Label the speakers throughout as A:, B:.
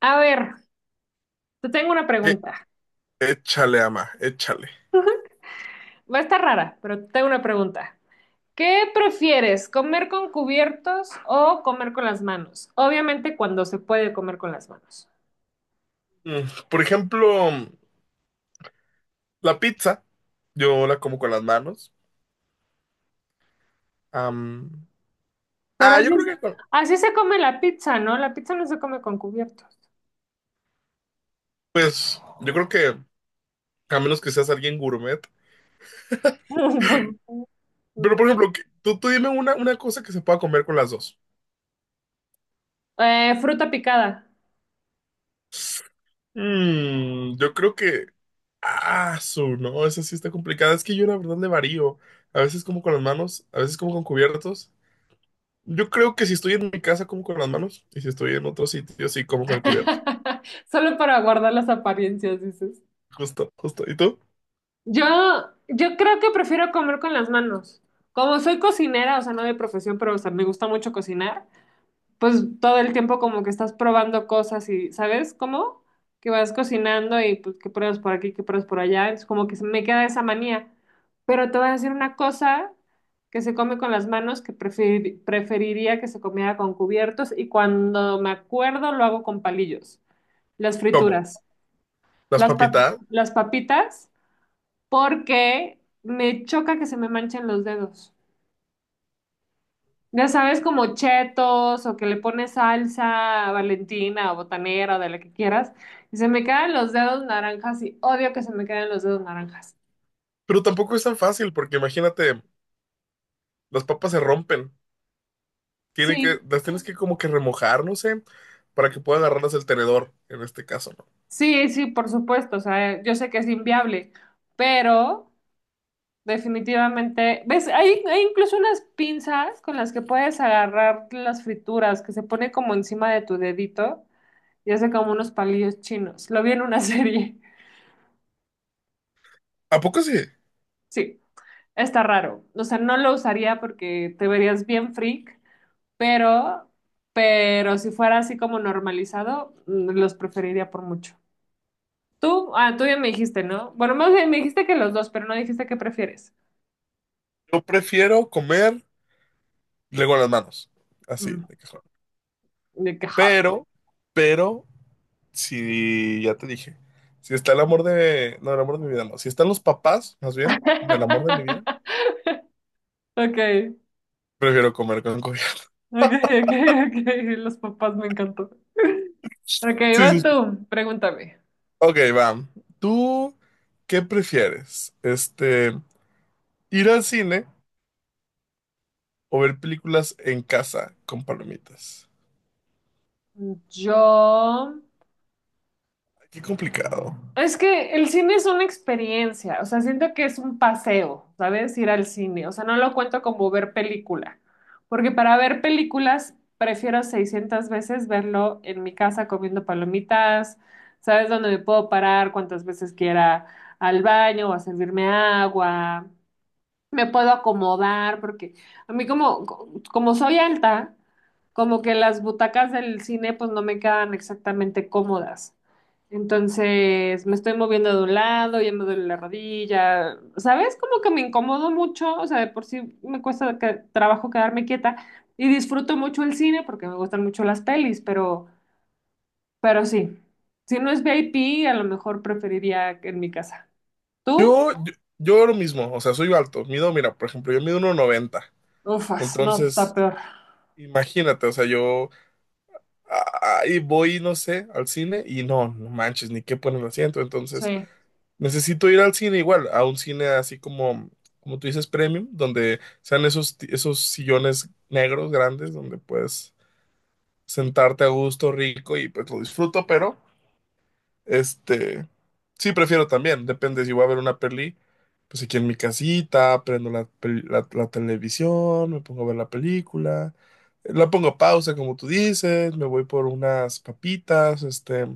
A: A ver, te tengo una
B: Eh,
A: pregunta.
B: Échale, ama, échale.
A: Va a estar rara, pero te tengo una pregunta. ¿Qué prefieres, comer con cubiertos o comer con las manos? Obviamente cuando se puede comer con las manos.
B: Mm, Por ejemplo, la pizza, yo la como con las manos. Am,
A: Pero
B: ah, yo
A: así,
B: creo que, con-
A: así se come la pizza, ¿no? La pizza no se come con cubiertos.
B: Pues, yo creo que, a menos que seas alguien gourmet.
A: Pues,
B: Pero, por ejemplo, tú dime una cosa que se pueda comer con las dos.
A: fruta picada.
B: Yo creo que, no, esa sí está complicada. Es que yo la verdad le varío. A veces como con las manos, a veces como con cubiertos. Yo creo que si estoy en mi casa como con las manos y si estoy en otro sitio sí como con el cubierto.
A: Solo para guardar las apariencias, dices.
B: Justo, justo. ¿Y tú?
A: Yo, yo creo que prefiero comer con las manos. Como soy cocinera, o sea, no de profesión, pero o sea, me gusta mucho cocinar. Pues todo el tiempo como que estás probando cosas y, ¿sabes cómo? Que vas cocinando y pues que pruebas por aquí, que pruebas por allá, entonces como que se me queda esa manía. Pero te voy a decir una cosa que se come con las manos que preferiría que se comiera con cubiertos y cuando me acuerdo lo hago con palillos, las
B: ¿Cómo?
A: frituras,
B: Las papitas,
A: las papitas, porque me choca que se me manchen los dedos. Ya sabes, como chetos o que le pones salsa valentina o botanera o de la que quieras. Y se me quedan los dedos naranjas y odio que se me queden los dedos naranjas.
B: pero tampoco es tan fácil porque imagínate, las papas se rompen,
A: Sí,
B: las tienes que como que remojar, no sé, para que pueda agarrarlas el tenedor, en este caso, ¿no?
A: sí, sí, por supuesto. O sea, yo sé que es inviable, pero definitivamente, ¿ves? Hay incluso unas pinzas con las que puedes agarrar las frituras que se pone como encima de tu dedito y hace como unos palillos chinos. Lo vi en una serie.
B: ¿A poco sí?
A: Sí. Está raro. O sea, no lo usaría porque te verías bien freak, pero, pero si fuera así como normalizado, los preferiría por mucho. Tú ya me dijiste, ¿no? Bueno, más bien me dijiste que los dos, pero no dijiste qué prefieres.
B: Yo prefiero comer luego las manos, así,
A: Mm,
B: de cajón.
A: de qué joven.
B: Pero, pero, si ya te dije, si está el amor de, no, el amor de mi vida, no, si están los papás, más bien, del amor de mi vida,
A: Ok,
B: prefiero comer con cubierto.
A: ok, ok, ok. Los papás me encantó. Ok,
B: Sí,
A: vas
B: sus...
A: tú, pregúntame.
B: Ok, va. ¿Tú qué prefieres? Ir al cine o ver películas en casa con palomitas.
A: Yo.
B: Ay, qué complicado.
A: Es que el cine es una experiencia, o sea, siento que es un paseo, ¿sabes? Ir al cine, o sea, no lo cuento como ver película, porque para ver películas prefiero 600 veces verlo en mi casa comiendo palomitas, ¿sabes? Donde me puedo parar cuantas veces quiera al baño o a servirme agua, me puedo acomodar, porque a mí como, como soy alta, como que las butacas del cine pues no me quedan exactamente cómodas. Entonces me estoy moviendo de un lado, ya me duele la rodilla, ¿sabes? Como que me incomodo mucho, o sea, de por sí me cuesta trabajo quedarme quieta y disfruto mucho el cine porque me gustan mucho las pelis, pero sí, si no es VIP, a lo mejor preferiría en mi casa. ¿Tú?
B: Yo, yo, yo lo mismo, o sea, soy alto. Mido, mira, por ejemplo, yo mido 1.90.
A: Ufas, no, está
B: Entonces,
A: peor.
B: imagínate, o sea, yo ahí voy, no sé, al cine y no, no manches, ni qué poner el asiento. Entonces,
A: Sí.
B: necesito ir al cine igual, a un cine así como, como tú dices, premium, donde sean esos, esos sillones negros grandes, donde puedes sentarte a gusto, rico y pues lo disfruto, pero Este, sí, prefiero también, depende si voy a ver una peli, pues aquí en mi casita, prendo la televisión, me pongo a ver la película, la pongo a pausa, como tú dices, me voy por unas papitas, este,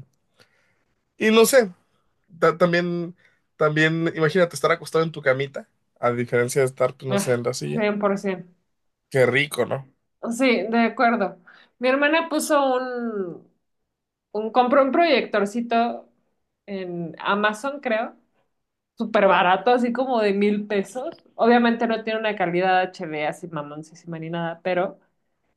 B: y no sé, ta- también, también, imagínate estar acostado en tu camita, a diferencia de estar, pues no sé,
A: Ah,
B: en la silla,
A: 100%.
B: qué rico, ¿no?
A: Sí, de acuerdo. Mi hermana puso compró un proyectorcito en Amazon, creo, súper barato, así como de 1,000 pesos. Obviamente no tiene una calidad HD así mamoncísima ni nada, pero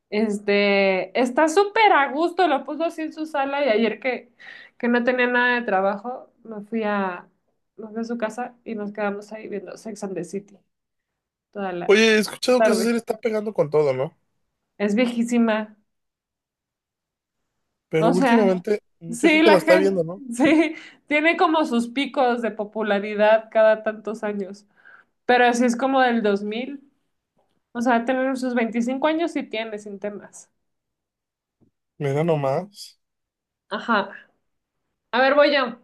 A: este, está súper a gusto, lo puso así en su sala y ayer que no tenía nada de trabajo, me fui a su casa y nos quedamos ahí viendo Sex and the City toda
B: Oye,
A: la
B: he escuchado que esa
A: tarde.
B: serie está pegando con todo, ¿no?
A: Es viejísima.
B: Pero
A: O sea,
B: últimamente mucha
A: sí,
B: gente
A: la
B: la está
A: gente,
B: viendo, ¿no?
A: sí, tiene como sus picos de popularidad cada tantos años, pero así es como del 2000. O sea, tener sus 25 años y tiene sin temas.
B: Me da nomás.
A: Ajá. A ver, voy yo.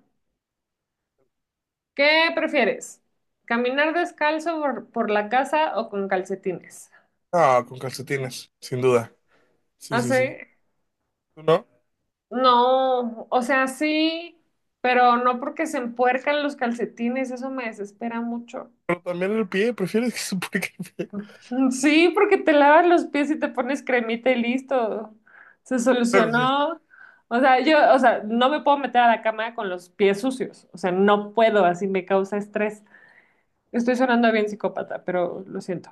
A: ¿Qué prefieres? ¿Caminar descalzo por la casa o con calcetines?
B: Ah, con calcetines, sin duda. Sí, sí,
A: Así,
B: sí. ¿Tú no?
A: no, o sea, sí, pero no porque se empuercan los calcetines, eso me desespera mucho.
B: Pero también el pie, prefieres que suponga que el pie.
A: Sí, porque te lavas los pies y te pones cremita y listo. Se
B: Pero sí.
A: solucionó. O sea, yo, o sea, no me puedo meter a la cama con los pies sucios. O sea, no puedo, así me causa estrés. Estoy sonando bien psicópata, pero lo siento.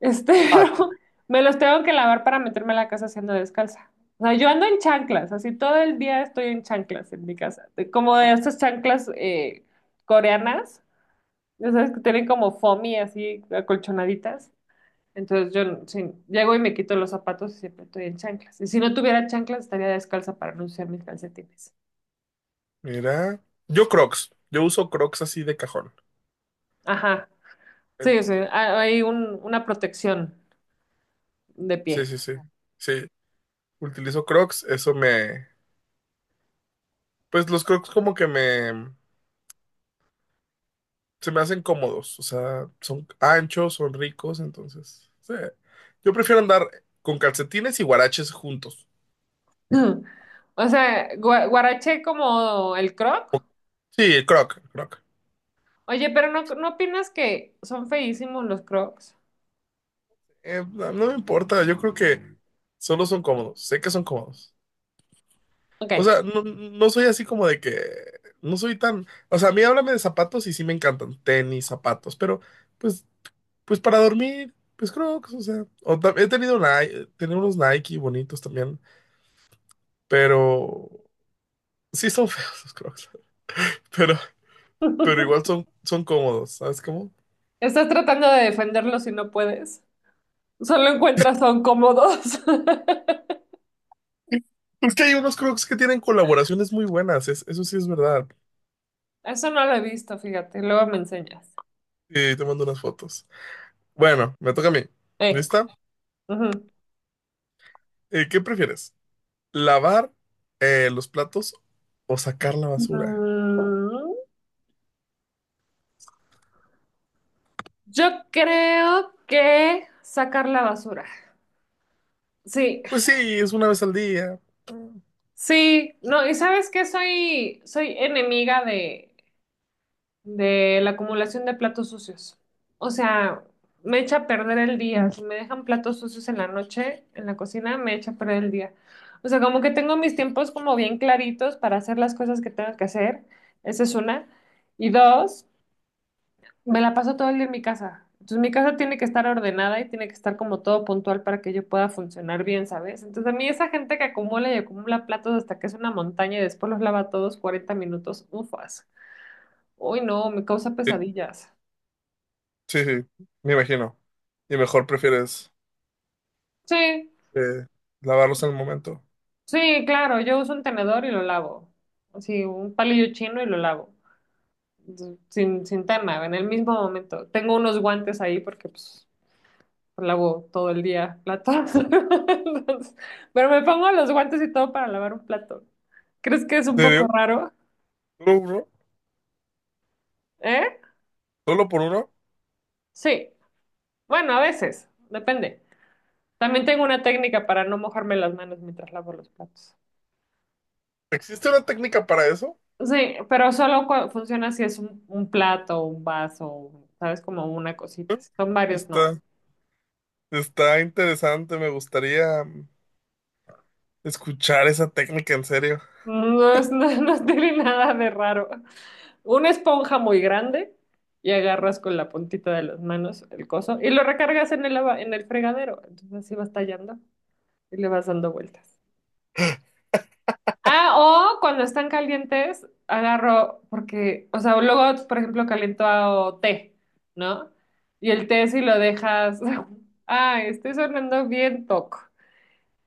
A: Este,
B: Ah, está.
A: pero me los tengo que lavar para meterme a la casa siendo descalza. O sea, yo ando en chanclas, así todo el día estoy en chanclas en mi casa. Como de estas chanclas coreanas, ya sabes que tienen como foamy así acolchonaditas. Entonces yo sí, llego y me quito los zapatos y siempre estoy en chanclas. Y si no tuviera chanclas, estaría descalza para no usar mis calcetines.
B: Mira. Yo Crocs. Yo uso Crocs así de cajón.
A: Ajá. Sí, o
B: Entonces,
A: hay una protección de
B: sí,
A: pie.
B: sí, sí. Sí. Utilizo Crocs. Eso me. Pues los Crocs como que me. Se me hacen cómodos. O sea, son anchos, son ricos. Entonces, sí. Yo prefiero andar con calcetines y guaraches juntos.
A: O sea, guaraché como el croc.
B: Sí, Croc, Croc.
A: Oye, pero no, ¿no opinas que son feísimos los crocs?
B: No, no me importa, yo creo que solo son cómodos, sé que son cómodos.
A: Ok.
B: O sea, no soy así como de que, no soy tan, o sea, a mí háblame de zapatos y sí me encantan, tenis, zapatos, pero pues, pues para dormir, pues Crocs, o sea, he tenido Nike, tenía unos Nike bonitos también, pero sí son feos los Crocs, pero, pero igual son, son cómodos, ¿sabes cómo?
A: Estás tratando de defenderlos y no puedes. Solo encuentras son cómodos.
B: Es que hay unos Crocs que tienen colaboraciones muy buenas, eso sí es verdad.
A: Eso no lo he visto, fíjate. Luego me enseñas.
B: Y te mando unas fotos. Bueno, me toca a mí.
A: Eh.
B: ¿Lista?
A: Ujú.
B: ¿Qué prefieres? ¿Lavar los platos o sacar la
A: Mm,
B: basura?
A: yo creo que sacar la basura. Sí,
B: Pues sí, es una vez al día.
A: sí, no, y sabes que soy enemiga de la acumulación de platos sucios. O sea, me echa a perder el día. Si me dejan platos sucios en la noche, en la cocina, me echa a perder el día. O sea, como que tengo mis tiempos como bien claritos para hacer las cosas que tengo que hacer. Esa es una. Y dos. Me la paso todo el día en mi casa. Entonces mi casa tiene que estar ordenada y tiene que estar como todo puntual para que yo pueda funcionar bien, ¿sabes? Entonces a mí esa gente que acumula y acumula platos hasta que es una montaña y después los lava todos 40 minutos, ufas. Uy, no, me causa
B: Sí,
A: pesadillas.
B: sí, sí, me imagino. Y mejor prefieres
A: Sí,
B: eh, lavarlos en el momento.
A: sí, claro, yo uso un tenedor y lo lavo. Sí, un palillo chino y lo lavo. Sin tema, en el mismo momento. Tengo unos guantes ahí porque pues, lavo todo el día platos. Entonces, pero me pongo los guantes y todo para lavar un plato. ¿Crees que es
B: ¿En
A: un poco
B: serio?
A: raro?
B: ¿Solo uno?
A: ¿Eh?
B: ¿Solo por uno?
A: Sí. Bueno, a veces, depende. También tengo una técnica para no mojarme las manos mientras lavo los platos.
B: ¿Existe una técnica para eso?
A: Sí, pero solo funciona si es un plato, un vaso, ¿sabes? Como una
B: ¿Eh?
A: cosita. Si son varios, no.
B: Está, está interesante, me gustaría escuchar esa técnica en serio.
A: No, no, no tiene nada de raro. Una esponja muy grande y agarras con la puntita de las manos el coso y lo recargas en el, en el fregadero. Entonces así vas tallando y le vas dando vueltas. Ah, o cuando están calientes, agarro, porque, o sea, luego, por ejemplo, caliento té, ¿no? Y el té si lo dejas, ay, estoy sonando bien toco.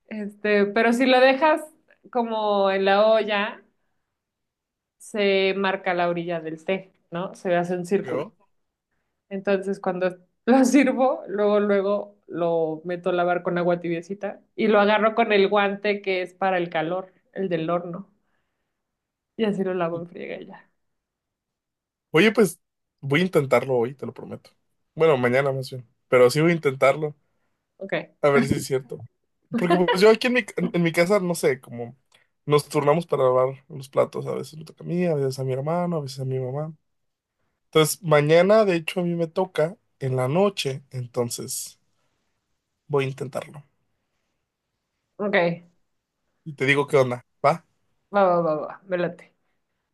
A: Este, pero si lo dejas como en la olla, se marca la orilla del té, ¿no? Se hace un círculo.
B: ¿Yo?
A: Entonces, cuando lo sirvo, luego lo meto a lavar con agua tibiecita y lo agarro con el guante que es para el calor, el del horno. Y así lo lavo en friega y ya.
B: Oye, pues voy a intentarlo hoy, te lo prometo. Bueno, mañana más bien. Pero sí voy a intentarlo,
A: Ok,
B: a ver si es cierto. Porque pues yo aquí en mi casa, no sé, como nos turnamos para lavar los platos. A veces me toca a mí, a veces a mi hermano, a veces a mi mamá. Entonces, mañana, de hecho, a mí me toca en la noche. Entonces, voy a intentarlo.
A: ok.
B: Y te digo qué onda, ¿va?
A: Va, va, va, va. Me late.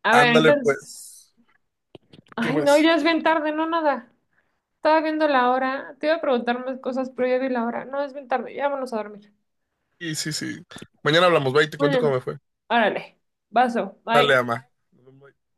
A: A ver,
B: Ándale,
A: entonces.
B: pues. ¿Qué
A: Ay, no,
B: pues?
A: ya es bien tarde, no nada. Estaba viendo la hora. Te iba a preguntar más cosas, pero ya vi la hora. No, es bien tarde. Ya vámonos a dormir.
B: Sí, sí, sí. Mañana hablamos, va, y te cuento cómo
A: Bueno,
B: me fue.
A: órale. Vaso.
B: Dale,
A: Bye.
B: ama. Nos vemos.